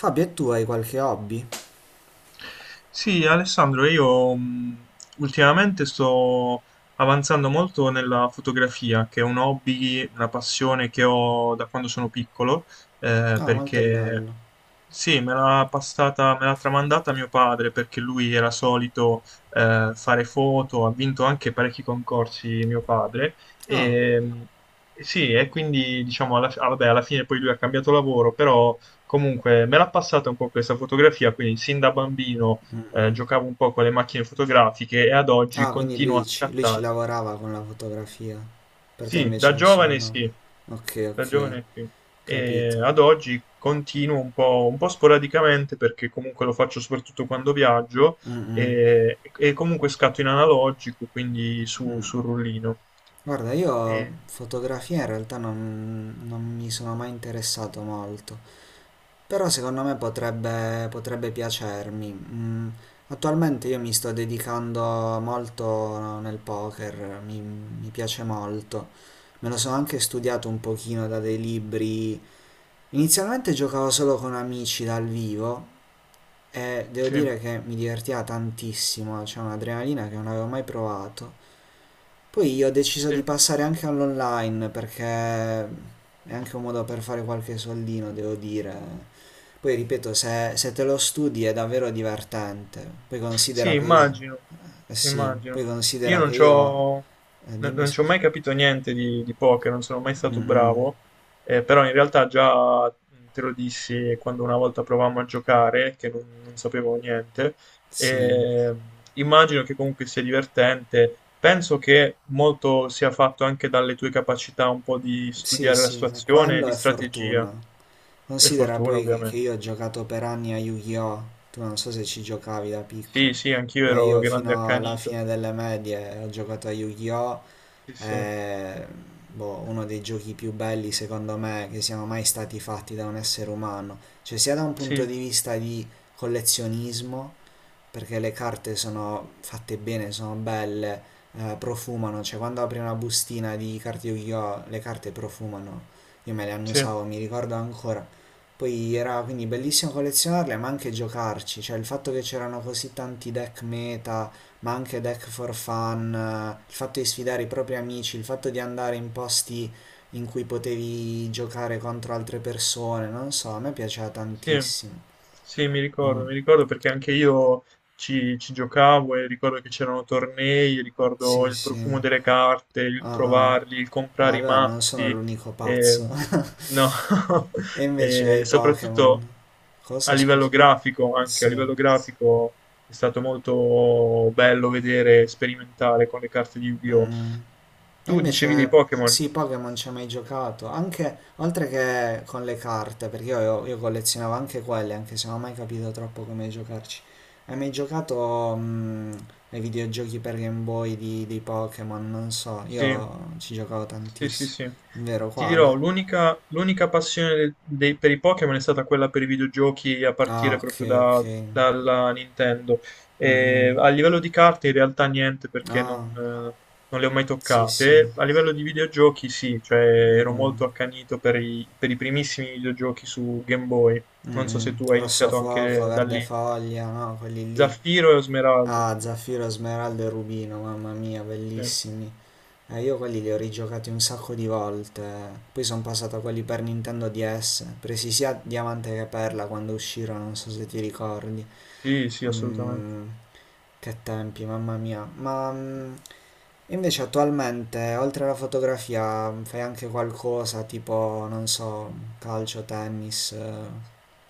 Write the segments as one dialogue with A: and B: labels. A: Fabio, e tu hai qualche hobby?
B: Sì, Alessandro, io ultimamente sto avanzando molto nella fotografia, che è un hobby, una passione che ho da quando sono piccolo,
A: Ah, molto
B: perché
A: bello.
B: sì, me l'ha passata, me l'ha tramandata mio padre, perché lui era solito fare foto, ha vinto anche parecchi concorsi mio padre,
A: Ah,
B: e sì, e quindi diciamo, vabbè, alla fine poi lui ha cambiato lavoro, però... Comunque, me l'ha passata un po' questa fotografia, quindi sin da bambino giocavo un po' con le macchine fotografiche e ad oggi
A: ah, quindi
B: continuo a
A: lui ci
B: scattare.
A: lavorava con la fotografia. Per te
B: Sì, da
A: invece è solo
B: giovane
A: no.
B: sì,
A: Ok,
B: da
A: ok,
B: giovane sì. E ad
A: capito.
B: oggi continuo un po' sporadicamente perché comunque lo faccio soprattutto quando viaggio
A: Mm, mm,
B: e comunque scatto in analogico, quindi su,
A: mm.
B: sul rullino.
A: Guarda, io
B: E-
A: fotografia in realtà non mi sono mai interessato molto, però secondo me potrebbe piacermi. Attualmente io mi sto dedicando molto nel poker, mi piace molto. Me lo sono anche studiato un pochino da dei libri. Inizialmente giocavo solo con amici dal vivo e devo
B: sì,
A: dire che mi divertiva tantissimo, c'è un'adrenalina che non avevo mai provato. Poi io ho deciso di
B: sì.
A: passare anche all'online perché è anche un modo per fare qualche soldino, devo dire. Poi ripeto, se te lo studi è davvero divertente. Poi
B: Sì,
A: considera che io.
B: immagino,
A: Sì,
B: immagino.
A: poi
B: Io
A: considera
B: non
A: che io.
B: c'ho, no-
A: Dimmi
B: non ci ho mai
A: scusa.
B: capito niente di poker, non sono mai stato
A: Mm, mm,
B: bravo, però in realtà già te lo dissi quando una volta provammo a giocare, che non sapevo niente,
A: sì.
B: e immagino che comunque sia divertente. Penso che molto sia fatto anche dalle tue capacità un po' di
A: Sì,
B: studiare la
A: sì,
B: situazione, e
A: quello
B: di
A: è fortuna.
B: strategia e
A: Considera
B: fortuna,
A: poi che
B: ovviamente.
A: io ho giocato per anni a Yu-Gi-Oh! Tu non so se ci giocavi da
B: Sì,
A: piccolo.
B: sì, anch'io ero
A: Io
B: grande
A: fino alla
B: accanito.
A: fine delle medie ho giocato a Yu-Gi-Oh!
B: Sì, sì.
A: È boh, uno dei giochi più belli secondo me che siano mai stati fatti da un essere umano, cioè sia da un punto
B: Sì.
A: di vista di collezionismo, perché le carte sono fatte bene, sono belle, profumano, cioè quando apri una bustina di carte Yu-Gi-Oh! Le carte profumano, io me le
B: Sì,
A: annusavo, mi ricordo ancora. Poi era quindi bellissimo collezionarle, ma anche giocarci, cioè il fatto che c'erano così tanti deck meta, ma anche deck for fun, il fatto di sfidare i propri amici, il fatto di andare in posti in cui potevi giocare contro altre persone, non so, a me piaceva
B: sì,
A: tantissimo.
B: sì, mi
A: Mm,
B: ricordo, mi ricordo perché anche io ci giocavo e ricordo che c'erano tornei, ricordo
A: sì,
B: il
A: sì.
B: profumo delle carte, il
A: Ah, ah.
B: trovarli, il
A: Ah,
B: comprare i
A: allora non sono
B: mazzi,
A: l'unico
B: eh,
A: pazzo.
B: no,
A: E invece
B: e
A: ai
B: soprattutto
A: Pokémon.
B: a
A: Cosa, scusa?
B: livello grafico, anche a
A: Sì.
B: livello grafico è stato molto bello vedere, sperimentare con le carte di
A: Mm,
B: Yu-Gi-Oh!
A: mm. E
B: Tu dicevi dei
A: invece
B: Pokémon?
A: sì, Pokémon ci ho mai giocato. Anche oltre che con le carte, perché io collezionavo anche quelle, anche se non ho mai capito troppo come giocarci. Hai mai giocato ai videogiochi per Game Boy di Pokémon? Non so,
B: Sì,
A: io ci giocavo
B: sì, sì,
A: tantissimo.
B: sì.
A: Vero
B: Ti dirò,
A: quale?
B: l'unica passione per i Pokémon è stata quella per i videogiochi a
A: Ah,
B: partire
A: ok,
B: proprio
A: ok.
B: dalla Nintendo.
A: Mh-mh.
B: E a livello di carte in realtà niente perché
A: Ah,
B: non le ho mai
A: sì,
B: toccate.
A: sì.
B: A livello di videogiochi sì, cioè ero
A: Mh-mh.
B: molto accanito per i primissimi videogiochi su Game Boy. Non so se
A: Mh-mh.
B: tu hai iniziato
A: Rossofuoco,
B: anche da lì.
A: Verdefoglia, no, quelli lì.
B: Zaffiro e Smeraldo.
A: Ah, Zaffiro, Smeraldo e Rubino, mamma mia,
B: Sì,
A: bellissimi. Io quelli li ho rigiocati un sacco di volte. Poi sono passato a quelli per Nintendo DS, presi sia Diamante che Perla quando uscirono, non so se ti ricordi.
B: sì, sì, assolutamente.
A: Mhmm, che tempi, mamma mia. E invece attualmente, oltre alla fotografia, fai anche qualcosa tipo, non so, calcio, tennis,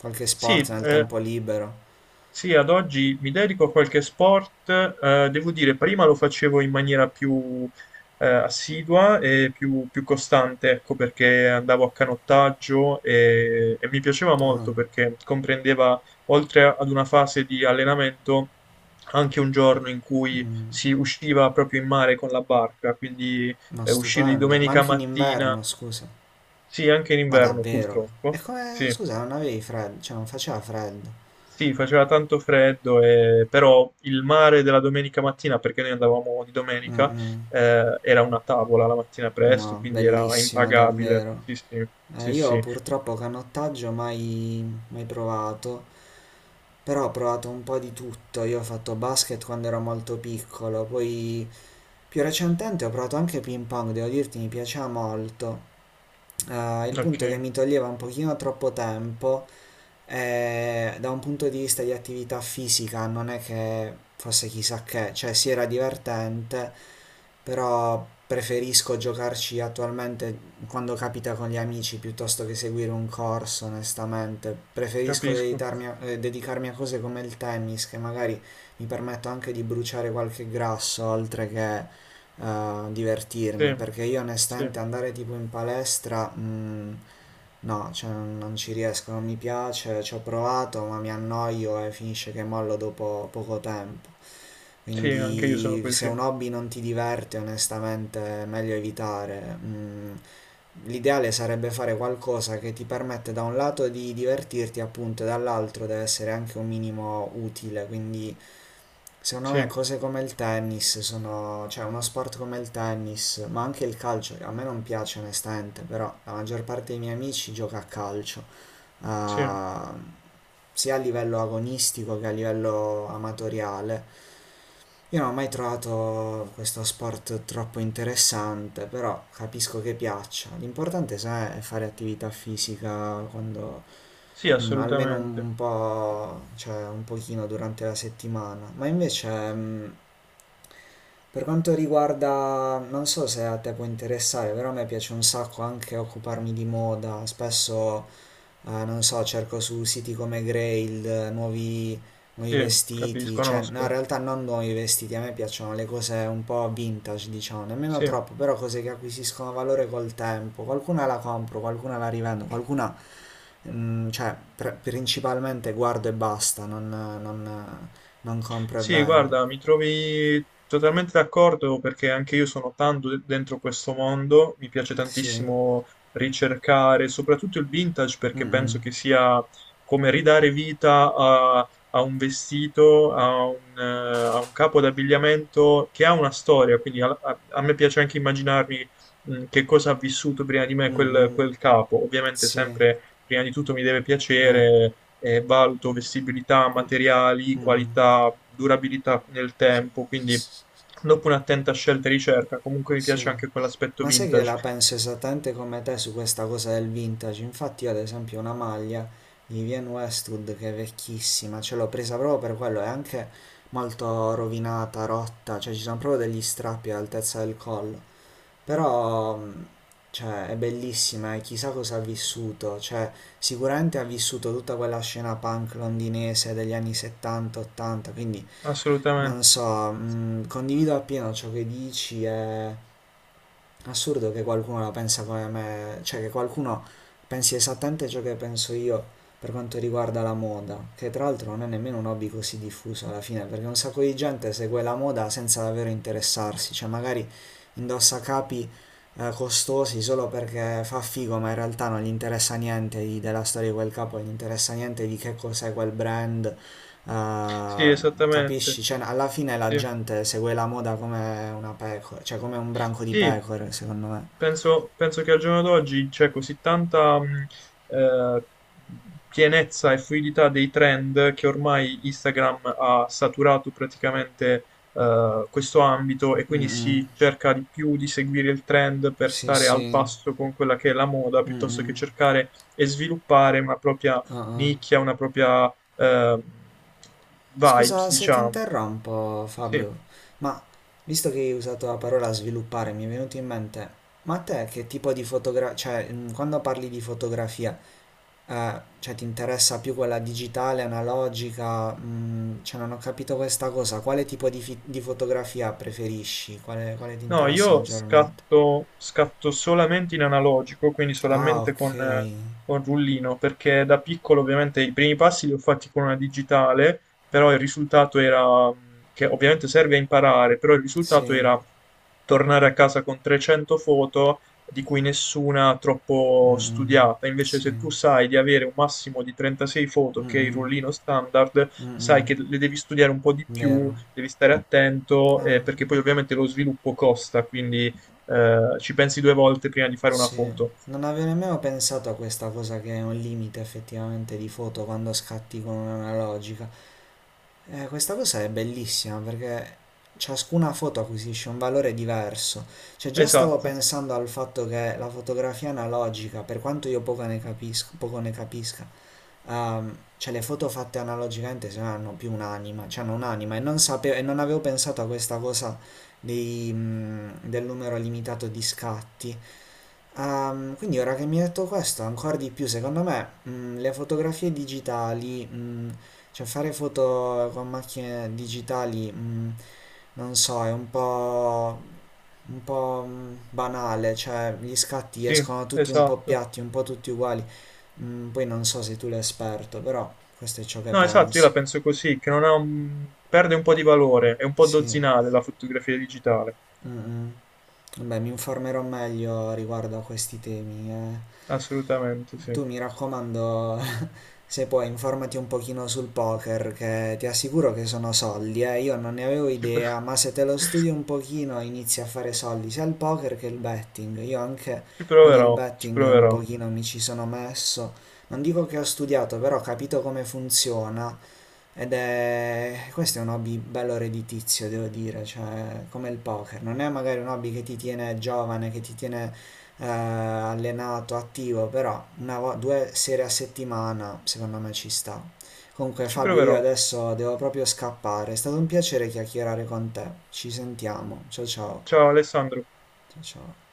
A: qualche
B: Sì,
A: sport nel tempo libero.
B: sì, ad oggi mi dedico a qualche sport, devo dire, prima lo facevo in maniera più assidua e più costante, ecco, perché andavo a canottaggio e mi piaceva
A: Ah,
B: molto perché comprendeva, oltre ad una fase di allenamento, anche un giorno in cui
A: mm,
B: si usciva proprio in mare con la barca, quindi
A: ma
B: uscire di
A: stupendo. Ma
B: domenica
A: anche in
B: mattina,
A: inverno, scusa.
B: sì, anche in
A: Ma
B: inverno
A: davvero? E
B: purtroppo,
A: come,
B: sì.
A: scusa, non avevi freddo? Cioè, non faceva freddo?
B: Sì, faceva tanto freddo, però il mare della domenica mattina, perché noi andavamo di
A: Mm,
B: domenica,
A: mm.
B: era una tavola la mattina
A: Ma
B: presto, quindi era
A: bellissimo,
B: impagabile.
A: davvero.
B: Sì, sì, sì,
A: Io
B: sì.
A: purtroppo canottaggio mai, provato, però ho provato un po' di tutto. Io ho fatto basket quando ero molto piccolo, poi più recentemente ho provato anche ping pong, devo dirti mi piaceva molto. Il
B: Ok,
A: punto è che mi toglieva un pochino troppo tempo e da un punto di vista di attività fisica non è che fosse chissà che, cioè sì era divertente, però preferisco giocarci attualmente quando capita con gli amici piuttosto che seguire un corso, onestamente. Preferisco
B: capisco.
A: dedicarmi a cose come il tennis, che magari mi permetto anche di bruciare qualche grasso, oltre che divertirmi,
B: Sì,
A: perché io
B: sì,
A: onestamente andare tipo in palestra, no, cioè, non ci riesco, non mi piace, ci ho provato, ma mi annoio e finisce che mollo dopo poco tempo.
B: sì, anche io sono
A: Quindi se
B: così.
A: un hobby non ti diverte, onestamente, è meglio evitare. L'ideale sarebbe fare qualcosa che ti permette da un lato di divertirti, appunto, e dall'altro deve essere anche un minimo utile, quindi secondo
B: Sì,
A: me cose come il tennis sono, cioè uno sport come il tennis, ma anche il calcio, che a me non piace onestamente, però la maggior parte dei miei amici gioca a calcio,
B: sì,
A: ah, sia a livello agonistico che a livello amatoriale. Io non ho mai trovato questo sport troppo interessante, però capisco che piaccia. L'importante, sai, è fare attività fisica quando,
B: sì,
A: almeno
B: assolutamente.
A: un po', cioè un pochino durante la settimana. Ma invece, mm, per quanto riguarda, non so se a te può interessare, però a me piace un sacco anche occuparmi di moda. Spesso, non so, cerco su siti come Grail, nuovi
B: Sì,
A: vestiti,
B: capisco,
A: cioè no, in
B: conosco.
A: realtà non nuovi vestiti, a me piacciono le cose un po' vintage, diciamo, nemmeno
B: Sì.
A: troppo, però cose che acquisiscono valore col tempo. Qualcuna la compro, qualcuna la rivendo, qualcuna, cioè, principalmente guardo e basta, non compro e
B: Sì,
A: vendo.
B: guarda, mi trovi totalmente d'accordo perché anche io sono tanto dentro questo mondo, mi piace
A: Sì.
B: tantissimo ricercare, soprattutto il vintage
A: Mm,
B: perché penso che
A: mm.
B: sia come ridare vita a un vestito, a un capo d'abbigliamento che ha una storia, quindi a me piace anche immaginarmi che cosa ha vissuto prima di me quel,
A: Mh-mh.
B: quel capo. Ovviamente
A: Sì,
B: sempre, prima di tutto, mi deve
A: ah,
B: piacere valuto vestibilità, materiali,
A: mh-mh,
B: qualità, durabilità nel tempo, quindi dopo un'attenta scelta e ricerca, comunque mi
A: sì.
B: piace anche quell'aspetto
A: Ma sai che
B: vintage,
A: la penso esattamente come te su questa cosa del vintage? Infatti io ad esempio una maglia di Vivienne Westwood che è vecchissima, ce l'ho presa proprio per quello, è anche molto rovinata, rotta, cioè ci sono proprio degli strappi all'altezza del collo, però cioè, è bellissima e chissà cosa ha vissuto, cioè sicuramente ha vissuto tutta quella scena punk londinese degli anni 70-80, quindi non
B: assolutamente.
A: so, condivido appieno ciò che dici, è assurdo che qualcuno la pensa come me, cioè che qualcuno pensi esattamente ciò che penso io per quanto riguarda la moda, che tra l'altro non è nemmeno un hobby così diffuso alla fine, perché un sacco di gente segue la moda senza davvero interessarsi, cioè magari indossa capi costosi solo perché fa figo, ma in realtà non gli interessa niente di- della storia di quel capo, non gli interessa niente di che cos'è quel brand.
B: Sì,
A: eh,
B: esattamente.
A: Capisci? Cioè, alla fine la
B: Sì.
A: gente segue la moda come una pecora, cioè come un branco di
B: Sì,
A: pecore, secondo me.
B: penso che al giorno d'oggi c'è così tanta eh, pienezza e fluidità dei trend che ormai Instagram ha saturato praticamente questo ambito e quindi
A: Mm-mm.
B: si cerca di più di seguire il trend per
A: Sì,
B: stare al
A: sì.
B: passo con quella che è la moda, piuttosto che
A: Mm-mm.
B: cercare e sviluppare una propria
A: Uh-uh.
B: nicchia, una propria vibes,
A: Scusa se ti
B: diciamo.
A: interrompo,
B: Sì.
A: Fabio, ma visto che hai usato la parola sviluppare, mi è venuto in mente, ma a te che tipo di fotografia, cioè, quando parli di fotografia, cioè ti interessa più quella digitale, analogica, cioè non ho capito questa cosa, quale tipo di fotografia preferisci? Quale ti
B: No,
A: interessa
B: io
A: maggiormente?
B: scatto solamente in analogico, quindi
A: Ah,
B: solamente
A: ok,
B: con rullino, perché da piccolo ovviamente i primi passi li ho fatti con una digitale, però il risultato era, che ovviamente serve a imparare, però il risultato
A: sì,
B: era tornare a casa con 300 foto di cui nessuna troppo
A: Mm,
B: studiata. Invece
A: sì,
B: se tu sai di avere un massimo di 36 foto, che è il
A: Mm,
B: rullino standard, sai
A: mm.
B: che le devi studiare un po' di più
A: Vero,
B: devi stare attento perché
A: ah,
B: poi ovviamente lo sviluppo costa, quindi ci pensi due volte prima di fare una
A: sì,
B: foto.
A: non avevo nemmeno pensato a questa cosa che è un limite effettivamente di foto quando scatti con un'analogica. Questa cosa è bellissima perché ciascuna foto acquisisce un valore diverso. Cioè, già stavo
B: Esatto,
A: pensando al fatto che la fotografia analogica, per quanto io poco ne capisco, poco ne capisca, cioè le foto fatte analogicamente se no hanno più un'anima, cioè hanno un'anima e non sapevo, e non avevo pensato a questa cosa del numero limitato di scatti. Quindi ora che mi hai detto questo, ancora di più, secondo me, le fotografie digitali, cioè fare foto con macchine digitali, non so, è un po', banale, cioè gli scatti
B: sì,
A: escono tutti un po'
B: esatto.
A: piatti, un po' tutti uguali. Mm, poi non so se tu l'hai esperto, però questo è ciò che
B: No, esatto, io
A: penso.
B: la penso così, che non ha perde un po' di valore, è un po'
A: Sì.
B: dozzinale la fotografia digitale,
A: Mm, mm. Vabbè, mi informerò meglio riguardo a questi temi.
B: assolutamente sì.
A: Tu, mi raccomando, se puoi, informati un pochino sul poker, che ti assicuro che sono soldi, eh. Io non ne avevo
B: Ci, pro-
A: idea, ma se te lo studi un pochino inizi a fare soldi sia il poker che il betting. Io anche
B: Ci
A: con il
B: proverò, ci
A: betting un
B: proverò,
A: pochino mi ci sono messo. Non dico che ho studiato, però ho capito come funziona ed è. Questo è un hobby bello redditizio, devo dire, cioè come il poker. Non è magari un hobby che ti tiene giovane, che ti tiene allenato, attivo, però due sere a settimana secondo me ci sta. Comunque
B: ci
A: Fabio, io
B: proverò.
A: adesso devo proprio scappare. È stato un piacere chiacchierare con te. Ci sentiamo. Ciao ciao.
B: Ciao Alessandro.
A: Ciao ciao.